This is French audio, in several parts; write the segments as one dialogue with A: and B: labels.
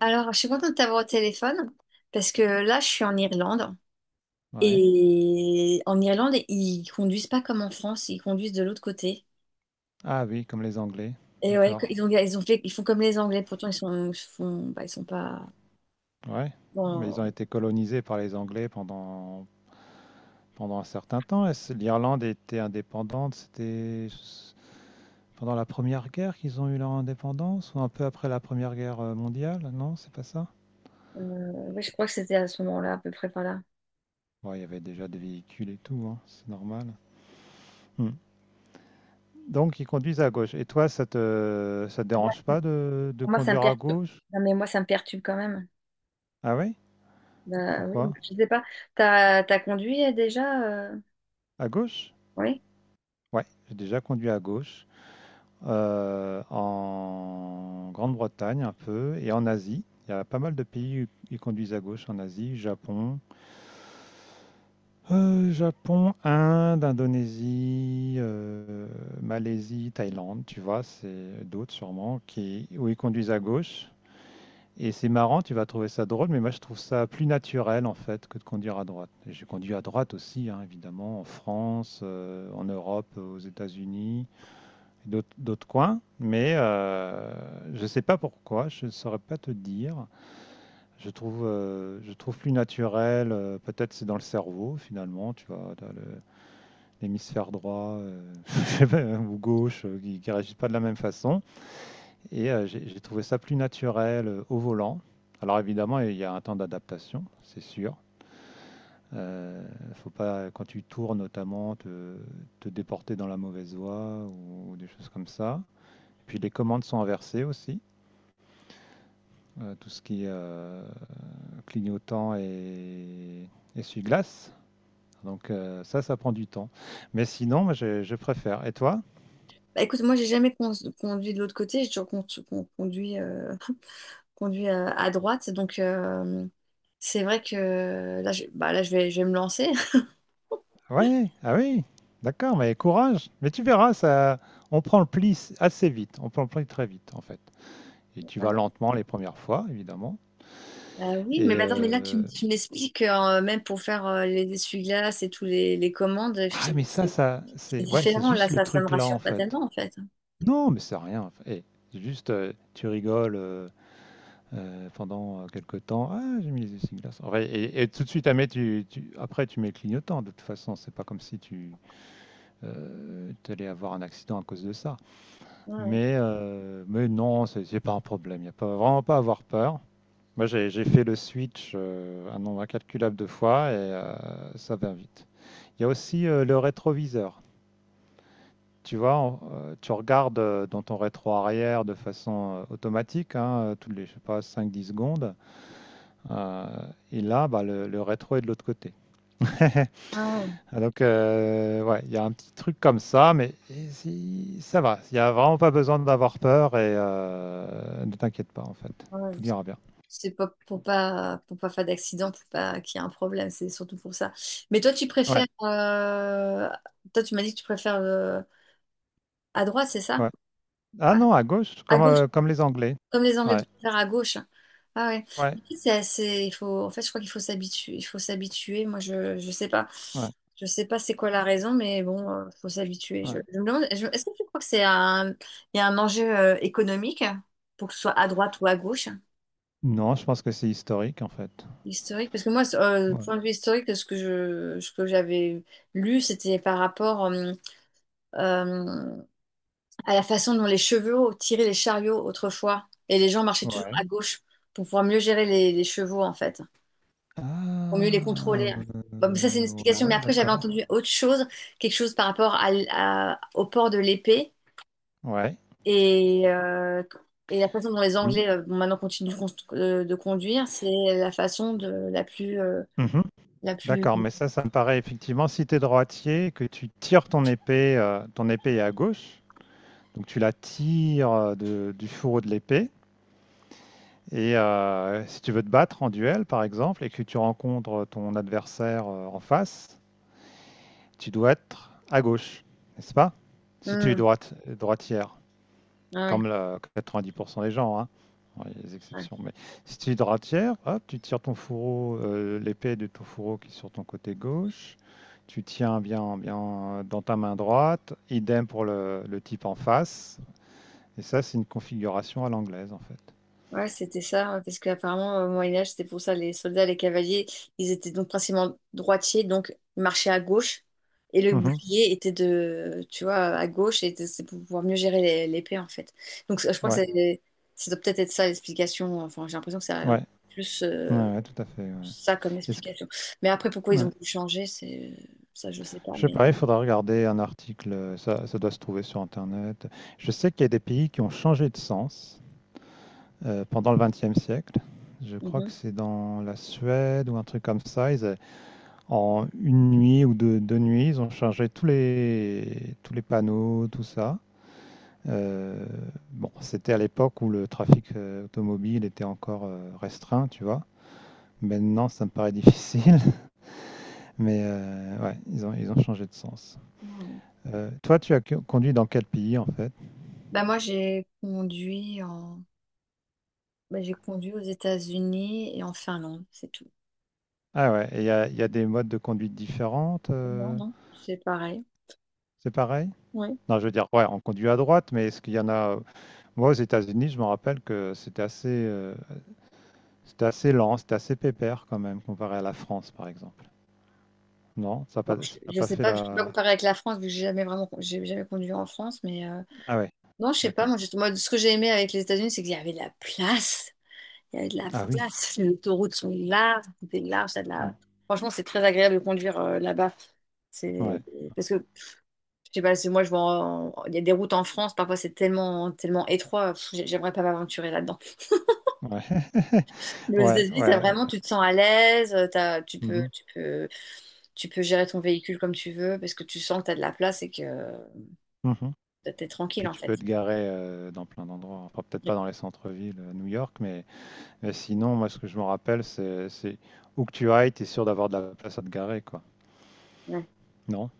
A: Alors, je suis contente de t'avoir au téléphone parce que là, je suis en Irlande
B: Ouais.
A: et en Irlande, ils conduisent pas comme en France, ils conduisent de l'autre côté.
B: Ah oui, comme les Anglais.
A: Et ouais,
B: D'accord.
A: ils ont, ils font comme les Anglais, pourtant ils font, bah, ils sont pas.
B: Ouais. Mais ils ont
A: Bon,
B: été colonisés par les Anglais pendant un certain temps. L'Irlande était indépendante. C'était pendant la Première Guerre qu'ils ont eu leur indépendance, ou un peu après la Première Guerre mondiale? Non, c'est pas ça?
A: euh, ouais, je crois que c'était à ce moment-là, à peu près par là.
B: Ouais, il y avait déjà des véhicules et tout, hein, c'est normal. Hmm. Donc ils conduisent à gauche. Et toi, ça te
A: Moi,
B: dérange pas de
A: pour moi, ça me
B: conduire à
A: perturbe.
B: gauche?
A: Non, mais moi, ça me perturbe quand même.
B: Ah oui?
A: Bah, oui, donc,
B: Pourquoi?
A: je sais pas. T'as conduit déjà euh,
B: À gauche?
A: oui.
B: Ouais, j'ai déjà conduit à gauche. En Grande-Bretagne un peu et en Asie. Il y a pas mal de pays qui conduisent à gauche en Asie, Japon, Inde, Indonésie, Malaisie, Thaïlande, tu vois, c'est d'autres sûrement qui où ils conduisent à gauche. Et c'est marrant, tu vas trouver ça drôle, mais moi je trouve ça plus naturel en fait que de conduire à droite. Et j'ai conduit à droite aussi, hein, évidemment, en France, en Europe, aux États-Unis d'autres coins, mais je ne sais pas pourquoi, je ne saurais pas te dire. Je trouve plus naturel, peut-être c'est dans le cerveau finalement, tu vois, l'hémisphère droit je sais pas, ou gauche qui ne réagissent pas de la même façon. Et j'ai trouvé ça plus naturel au volant. Alors évidemment, il y a un temps d'adaptation, c'est sûr. Euh, faut pas, quand tu tournes notamment, te déporter dans la mauvaise voie ou des choses comme ça. Puis les commandes sont inversées aussi. Tout ce qui est clignotant et essuie-glace. Donc ça prend du temps. Mais sinon, moi, je préfère. Et toi?
A: Bah, écoute, moi, j'ai jamais con- conduit de l'autre côté, j'ai toujours conduit. Conduit à droite. Donc, c'est vrai que là, bah, là, je vais me lancer.
B: Ouais, ah oui, d'accord, mais courage. Mais tu verras, ça, on prend le pli assez vite. On prend le pli très vite, en fait. Et tu vas lentement les premières fois, évidemment.
A: Ah oui, mais
B: Et
A: bah, attends, mais là, tu m'expliques, même pour faire les essuie-glaces et les commandes,
B: ah,
A: c'est
B: mais ça,
A: c'est-
B: ça,
A: c'est
B: c'est ouais, c'est
A: différent.
B: juste le
A: Ça me
B: truc là, en
A: rassure pas
B: fait.
A: tellement, en fait.
B: Non, mais c'est rien. Et juste, tu rigoles. Pendant quelques temps. Ah, j'ai mis les essuie-glaces. Ouais, et tout de suite, ah, mais après, tu mets le clignotant. De toute façon, c'est pas comme si tu allais avoir un accident à cause de ça.
A: Ouais.
B: Mais non, c'est pas un problème. Il n'y a pas, vraiment pas à avoir peur. Moi, j'ai fait le switch un nombre incalculable de fois et ça va vite. Il y a aussi le rétroviseur. Tu vois, tu regardes dans ton rétro arrière de façon automatique, hein, toutes les, je sais pas, cinq dix secondes. Euh, et là, bah, le rétro est de l'autre côté.
A: Ah
B: Donc, ouais, il y a un petit truc comme ça, mais ça va. Il n'y a vraiment pas besoin d'avoir peur et ne t'inquiète pas, en fait.
A: ouais, ouais.
B: Tout ira bien.
A: C'est pas pour pas faire d'accident, pour pas qu'il y ait un problème, c'est surtout pour ça. Mais toi, tu
B: Ouais,
A: préfères, toi, tu m'as dit que tu préfères à droite, c'est ça?
B: ouais. Ah
A: À,
B: non, à gauche,
A: à
B: comme,
A: gauche,
B: euh, comme les Anglais.
A: comme les Anglais de
B: Ouais,
A: faire à gauche. Ah ouais.
B: ouais,
A: Mais il faut, en fait, je crois qu'il faut s'habituer. Il faut s'habituer. Moi, je sais pas.
B: ouais,
A: Je sais pas c'est quoi la raison, mais bon, faut s'habituer.
B: ouais.
A: Je me demande, est-ce que tu crois que il y a un enjeu économique pour que ce soit à droite ou à gauche?
B: Non, je pense que c'est historique, en fait.
A: Historique, parce que moi,
B: Ouais.
A: point de vue historique, ce que j'avais lu, c'était par rapport euh, à la façon dont les chevaux tiraient les chariots autrefois, et les gens marchaient toujours
B: Ouais.
A: à gauche pour pouvoir mieux gérer les chevaux, en fait. Pour mieux les
B: Ah,
A: contrôler. Bon, mais ça, c'est une explication. Mais
B: ouais,
A: après, j'avais
B: d'accord.
A: entendu autre chose, quelque chose par rapport au port de l'épée
B: Ouais,
A: et, euh, et la façon dont les
B: oui.
A: Anglais, bon, maintenant, continuent de conduire, c'est la façon la plus, la plus.
B: D'accord, mais ça me paraît effectivement, si tu es droitier, que tu tires ton épée est à gauche, donc tu la tires du fourreau de l'épée. Et si tu veux te battre en duel, par exemple, et que tu rencontres ton adversaire en face, tu dois être à gauche, n'est-ce pas? Si tu es
A: Hmm,
B: droite, droitière.
A: ouais,
B: Comme le 90% des gens, hein. Bon, il y a des
A: ouais.
B: exceptions. Mais si tu es droitière, hop, tu tires ton fourreau, l'épée de ton fourreau qui est sur ton côté gauche. Tu tiens bien, bien dans ta main droite. Idem pour le type en face. Et ça, c'est une configuration à l'anglaise, en fait.
A: Ouais, c'était ça, hein, parce qu'apparemment, au Moyen-Âge, c'était pour ça, les soldats, les cavaliers, ils étaient donc principalement droitiers, donc ils marchaient à gauche, et le
B: Mhm.
A: bouclier était de, tu vois, à gauche, et c'est pour pouvoir mieux gérer l'épée, en fait. Donc je crois que
B: Ouais,
A: ça doit peut-être être ça l'explication, enfin j'ai l'impression que ça a l'air
B: ouais,
A: plus
B: ouais, ouais, tout à fait. Ouais.
A: ça comme
B: Est-ce que-
A: explication. Mais après, pourquoi ils ont
B: ouais.
A: voulu changer, c'est ça, je sais pas,
B: Je sais
A: mais
B: pas, il
A: bon.
B: faudra regarder un article. Ça, doit se trouver sur Internet. Je sais qu'il y a des pays qui ont changé de sens. Pendant le XXe siècle. Je crois que
A: Mhm.
B: c'est dans la Suède ou un truc comme ça. Ils, en une nuit ou deux, deux nuits, ils ont changé tous les panneaux, tout ça. Euh, bon, c'était à l'époque où le trafic automobile était encore restreint, tu vois. Maintenant, ça me paraît difficile, mais ouais, ils ont changé de sens.
A: Ouais.
B: Toi, tu as conduit dans quel pays en fait?
A: Bah moi, j'ai conduit en, bah, j'ai conduit aux États-Unis et en Finlande, c'est tout.
B: Ah ouais, et il y a des modes de conduite différentes,
A: Non, non, c'est pareil.
B: c'est pareil?
A: Ouais.
B: Non, je veux dire, ouais, on conduit à droite, mais est-ce qu'il y en a... Moi, aux États-Unis, je me rappelle que c'était assez lent, c'était assez pépère quand même, comparé à la France, par exemple. Non, ça n'a
A: Bon,
B: pas, ça n'a
A: je
B: pas
A: sais
B: fait
A: pas, je peux pas
B: la...
A: comparer avec la France, vu que j'ai jamais conduit en France, mais
B: Ah ouais,
A: non, je sais pas. Moi,
B: d'accord.
A: moi, ce que j'ai aimé avec les États-Unis, c'est qu'il y avait de la place. Il y avait de la
B: Ah oui.
A: place. Les autoroutes sont larges, tout est large. T'as de
B: Hmm.
A: la... Franchement, c'est très agréable de conduire là-bas. C'est
B: Ouais,
A: parce que je sais pas, je vois, il y a des routes en France, parfois c'est tellement, tellement étroit. Pff, j'aimerais pas m'aventurer là-dedans.
B: ouais.
A: Mais aux
B: Ouais,
A: États-Unis, t'as
B: ouais. Ouais.
A: vraiment, tu te sens à l'aise. Tu peux,
B: Mhm,
A: tu peux. Tu peux gérer ton véhicule comme tu veux parce que tu sens que tu as de la place et que
B: mhm.
A: tu es tranquille
B: Puis
A: en
B: tu peux
A: fait.
B: te garer dans plein d'endroits. Enfin, peut-être pas dans les centres-villes à New York, mais sinon, moi, ce que je me rappelle, c'est où que tu ailles, tu es sûr d'avoir de la place à te garer, quoi.
A: Ouais.
B: Non?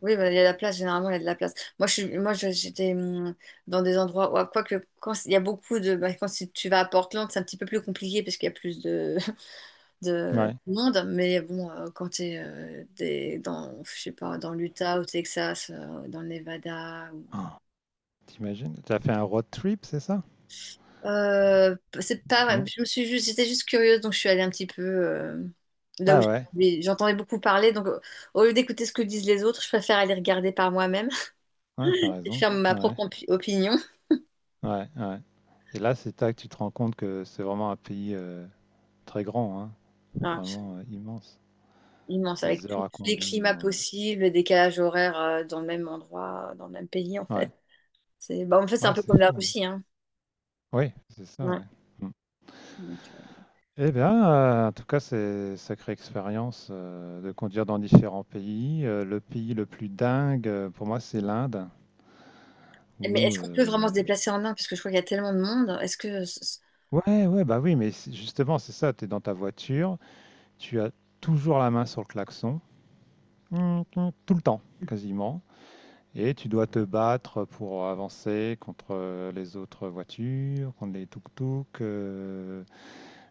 A: Oui, bah, il y a de la place, généralement, il y a de la place. Moi, j'étais dans des endroits où, quoique, quand il y a beaucoup de. Bah, quand tu vas à Portland, c'est un petit peu plus compliqué parce qu'il y a plus de, de
B: Ouais.
A: monde. Mais bon, quand tu es dans, je sais pas, dans l'Utah, au Texas, dans le Nevada.
B: T'imagines? T'as fait un road trip, c'est ça?
A: C'est pas,
B: Non.
A: je me suis juste, j'étais juste curieuse, donc je suis allée un petit peu là où
B: Ah ouais,
A: j'entendais beaucoup parler. Donc, au lieu d'écouter ce que disent les autres, je préfère aller regarder par moi-même
B: ouais, t'as
A: et
B: raison.
A: faire ma
B: Ouais,
A: propre opinion.
B: ouais, ouais. Et là, c'est là que tu te rends compte que c'est vraiment un pays très grand, hein,
A: Ah, c'est
B: vraiment immense.
A: immense, avec
B: Des
A: tous
B: heures à
A: les
B: conduire.
A: climats possibles, les décalages horaires dans le même endroit, dans le même pays, en fait.
B: Ouais,
A: C'est, bah, en fait, c'est un
B: ouais,
A: peu
B: c'est
A: comme la
B: fou. Hein.
A: Russie, hein.
B: Oui, c'est ça,
A: Ouais.
B: ouais. Mm.
A: Donc,
B: Eh bien, en tout cas, c'est sacrée expérience de conduire dans différents pays. Le pays le plus dingue, pour moi, c'est l'Inde.
A: mais
B: Où,
A: est-ce qu'on peut
B: euh,
A: vraiment se déplacer en Inde? Parce que je crois qu'il y a tellement de monde. Est-ce que...
B: Ouais, ouais, bah oui, mais justement, c'est ça, tu es dans ta voiture, tu as toujours la main sur le klaxon, tout le temps quasiment, et tu dois te battre pour avancer contre les autres voitures, contre les tuk-tuk,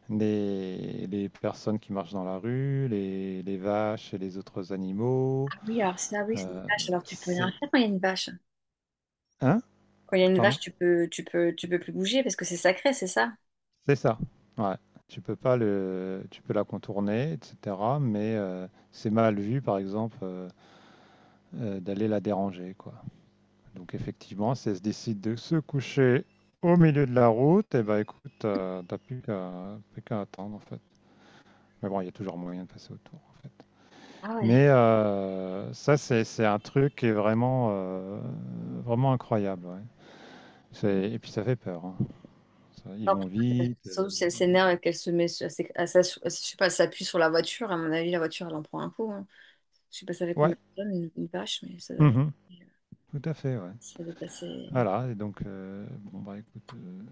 B: les personnes qui marchent dans la rue, les vaches et les autres animaux.
A: ah oui, alors ça, oui, c'est des
B: Euh,
A: vaches. Alors tu peux rien
B: c'est...
A: faire quand il y a une vache.
B: Hein?
A: Quand il y a une
B: Pardon?
A: vache, tu peux plus bouger parce que c'est sacré, c'est ça?
B: C'est ça. Ouais. Tu peux pas le, tu peux la contourner, etc. Mais c'est mal vu, par exemple, d'aller la déranger, quoi. Donc effectivement, si elle se décide de se coucher au milieu de la route, et ben écoute, t'as plus qu'à attendre en fait. Mais bon, il y a toujours moyen de passer autour en fait.
A: Ah ouais.
B: Mais ça, c'est un truc qui est vraiment incroyable. Ouais. Et puis ça fait peur. Hein. Ils
A: Alors,
B: vont
A: plutôt,
B: vite. euh,
A: surtout si elle s'énerve et qu'elle se met, sur- à s'é- à s'ass- je sais pas, elle s'appuie sur la voiture, à mon avis, la voiture, elle en prend un coup. Hein. Je sais pas, ça fait combien
B: ouais,
A: de tonnes, une vache, mais
B: mhm, tout à fait. Ouais.
A: ça doit être assez...
B: Voilà, et donc, bon, bah écoute. euh,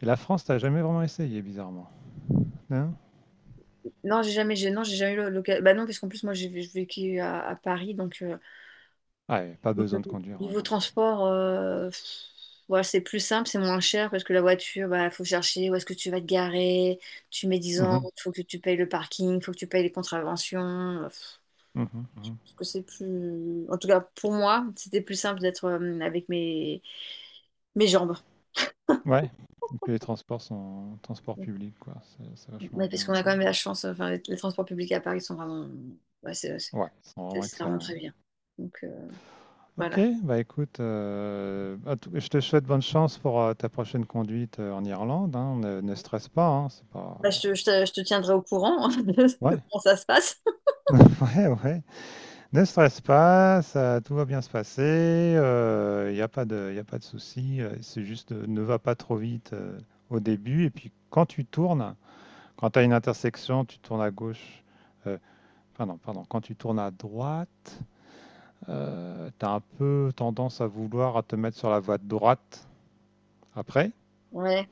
B: et la France, t'as jamais vraiment essayé, bizarrement. Non?
A: Non, j'ai jamais, j'ai, non, j'ai jamais eu l'occasion. Bah non, parce qu'en plus, moi, j'ai vécu à Paris, donc... Euh,
B: Ah, ouais, pas besoin de conduire. Ouais.
A: niveau transport, ouais, c'est plus simple, c'est moins cher parce que la voiture, bah, faut chercher où est-ce que tu vas te garer, tu mets dix ans,
B: Mhm,
A: faut que tu payes le parking, faut que tu payes les contraventions. Euh, pff,
B: mhm, mhm.
A: parce que c'est plus. En tout cas, pour moi, c'était plus simple d'être avec mes, mes jambes.
B: Ouais, et puis les transports sont transports publics, quoi. C'est vachement
A: Ouais, parce
B: bien à
A: qu'on a quand
B: Paris.
A: même la chance, enfin, les transports publics à Paris sont vraiment. Ouais, c'est
B: Ouais, ils sont
A: c'est-
B: vraiment
A: c'est vraiment
B: excellents.
A: très
B: Ouais.
A: bien. Donc
B: Ok,
A: voilà.
B: bah écoute, je te souhaite bonne chance pour ta prochaine conduite en Irlande. Hein. Ne stresse pas, hein, c'est pas.
A: Bah, je te tiendrai au courant de
B: Ouais.
A: comment ça se passe.
B: Ouais, ouais. Ne stresse pas, ça, tout va bien se passer. Il n'y a pas de, y a pas de souci. C'est juste, ne va pas trop vite au début. Et puis, quand tu tournes, quand tu as une intersection, tu tournes à gauche. euh, Pardon, pardon. Quand tu tournes à droite, tu as un peu tendance à vouloir à te mettre sur la voie de droite après.
A: Ouais,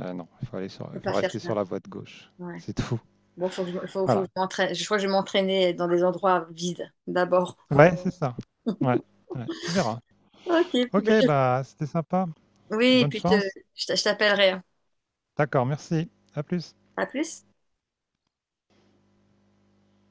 B: Non, il faut aller sur,
A: je peux pas
B: faut
A: faire
B: rester
A: ça.
B: sur la voie de gauche.
A: Ouais.
B: C'est tout.
A: Bon, faut que
B: Voilà.
A: je m'entraîne. Je crois que je vais m'entraîner dans des endroits vides d'abord.
B: Ouais, c'est ça. Ouais, ouais, tu verras.
A: Ok. Puis,
B: Ok,
A: bah, je.
B: bah c'était sympa.
A: Oui,
B: Bonne chance.
A: je je t'appellerai. Hein.
B: D'accord, merci. À plus.
A: À plus.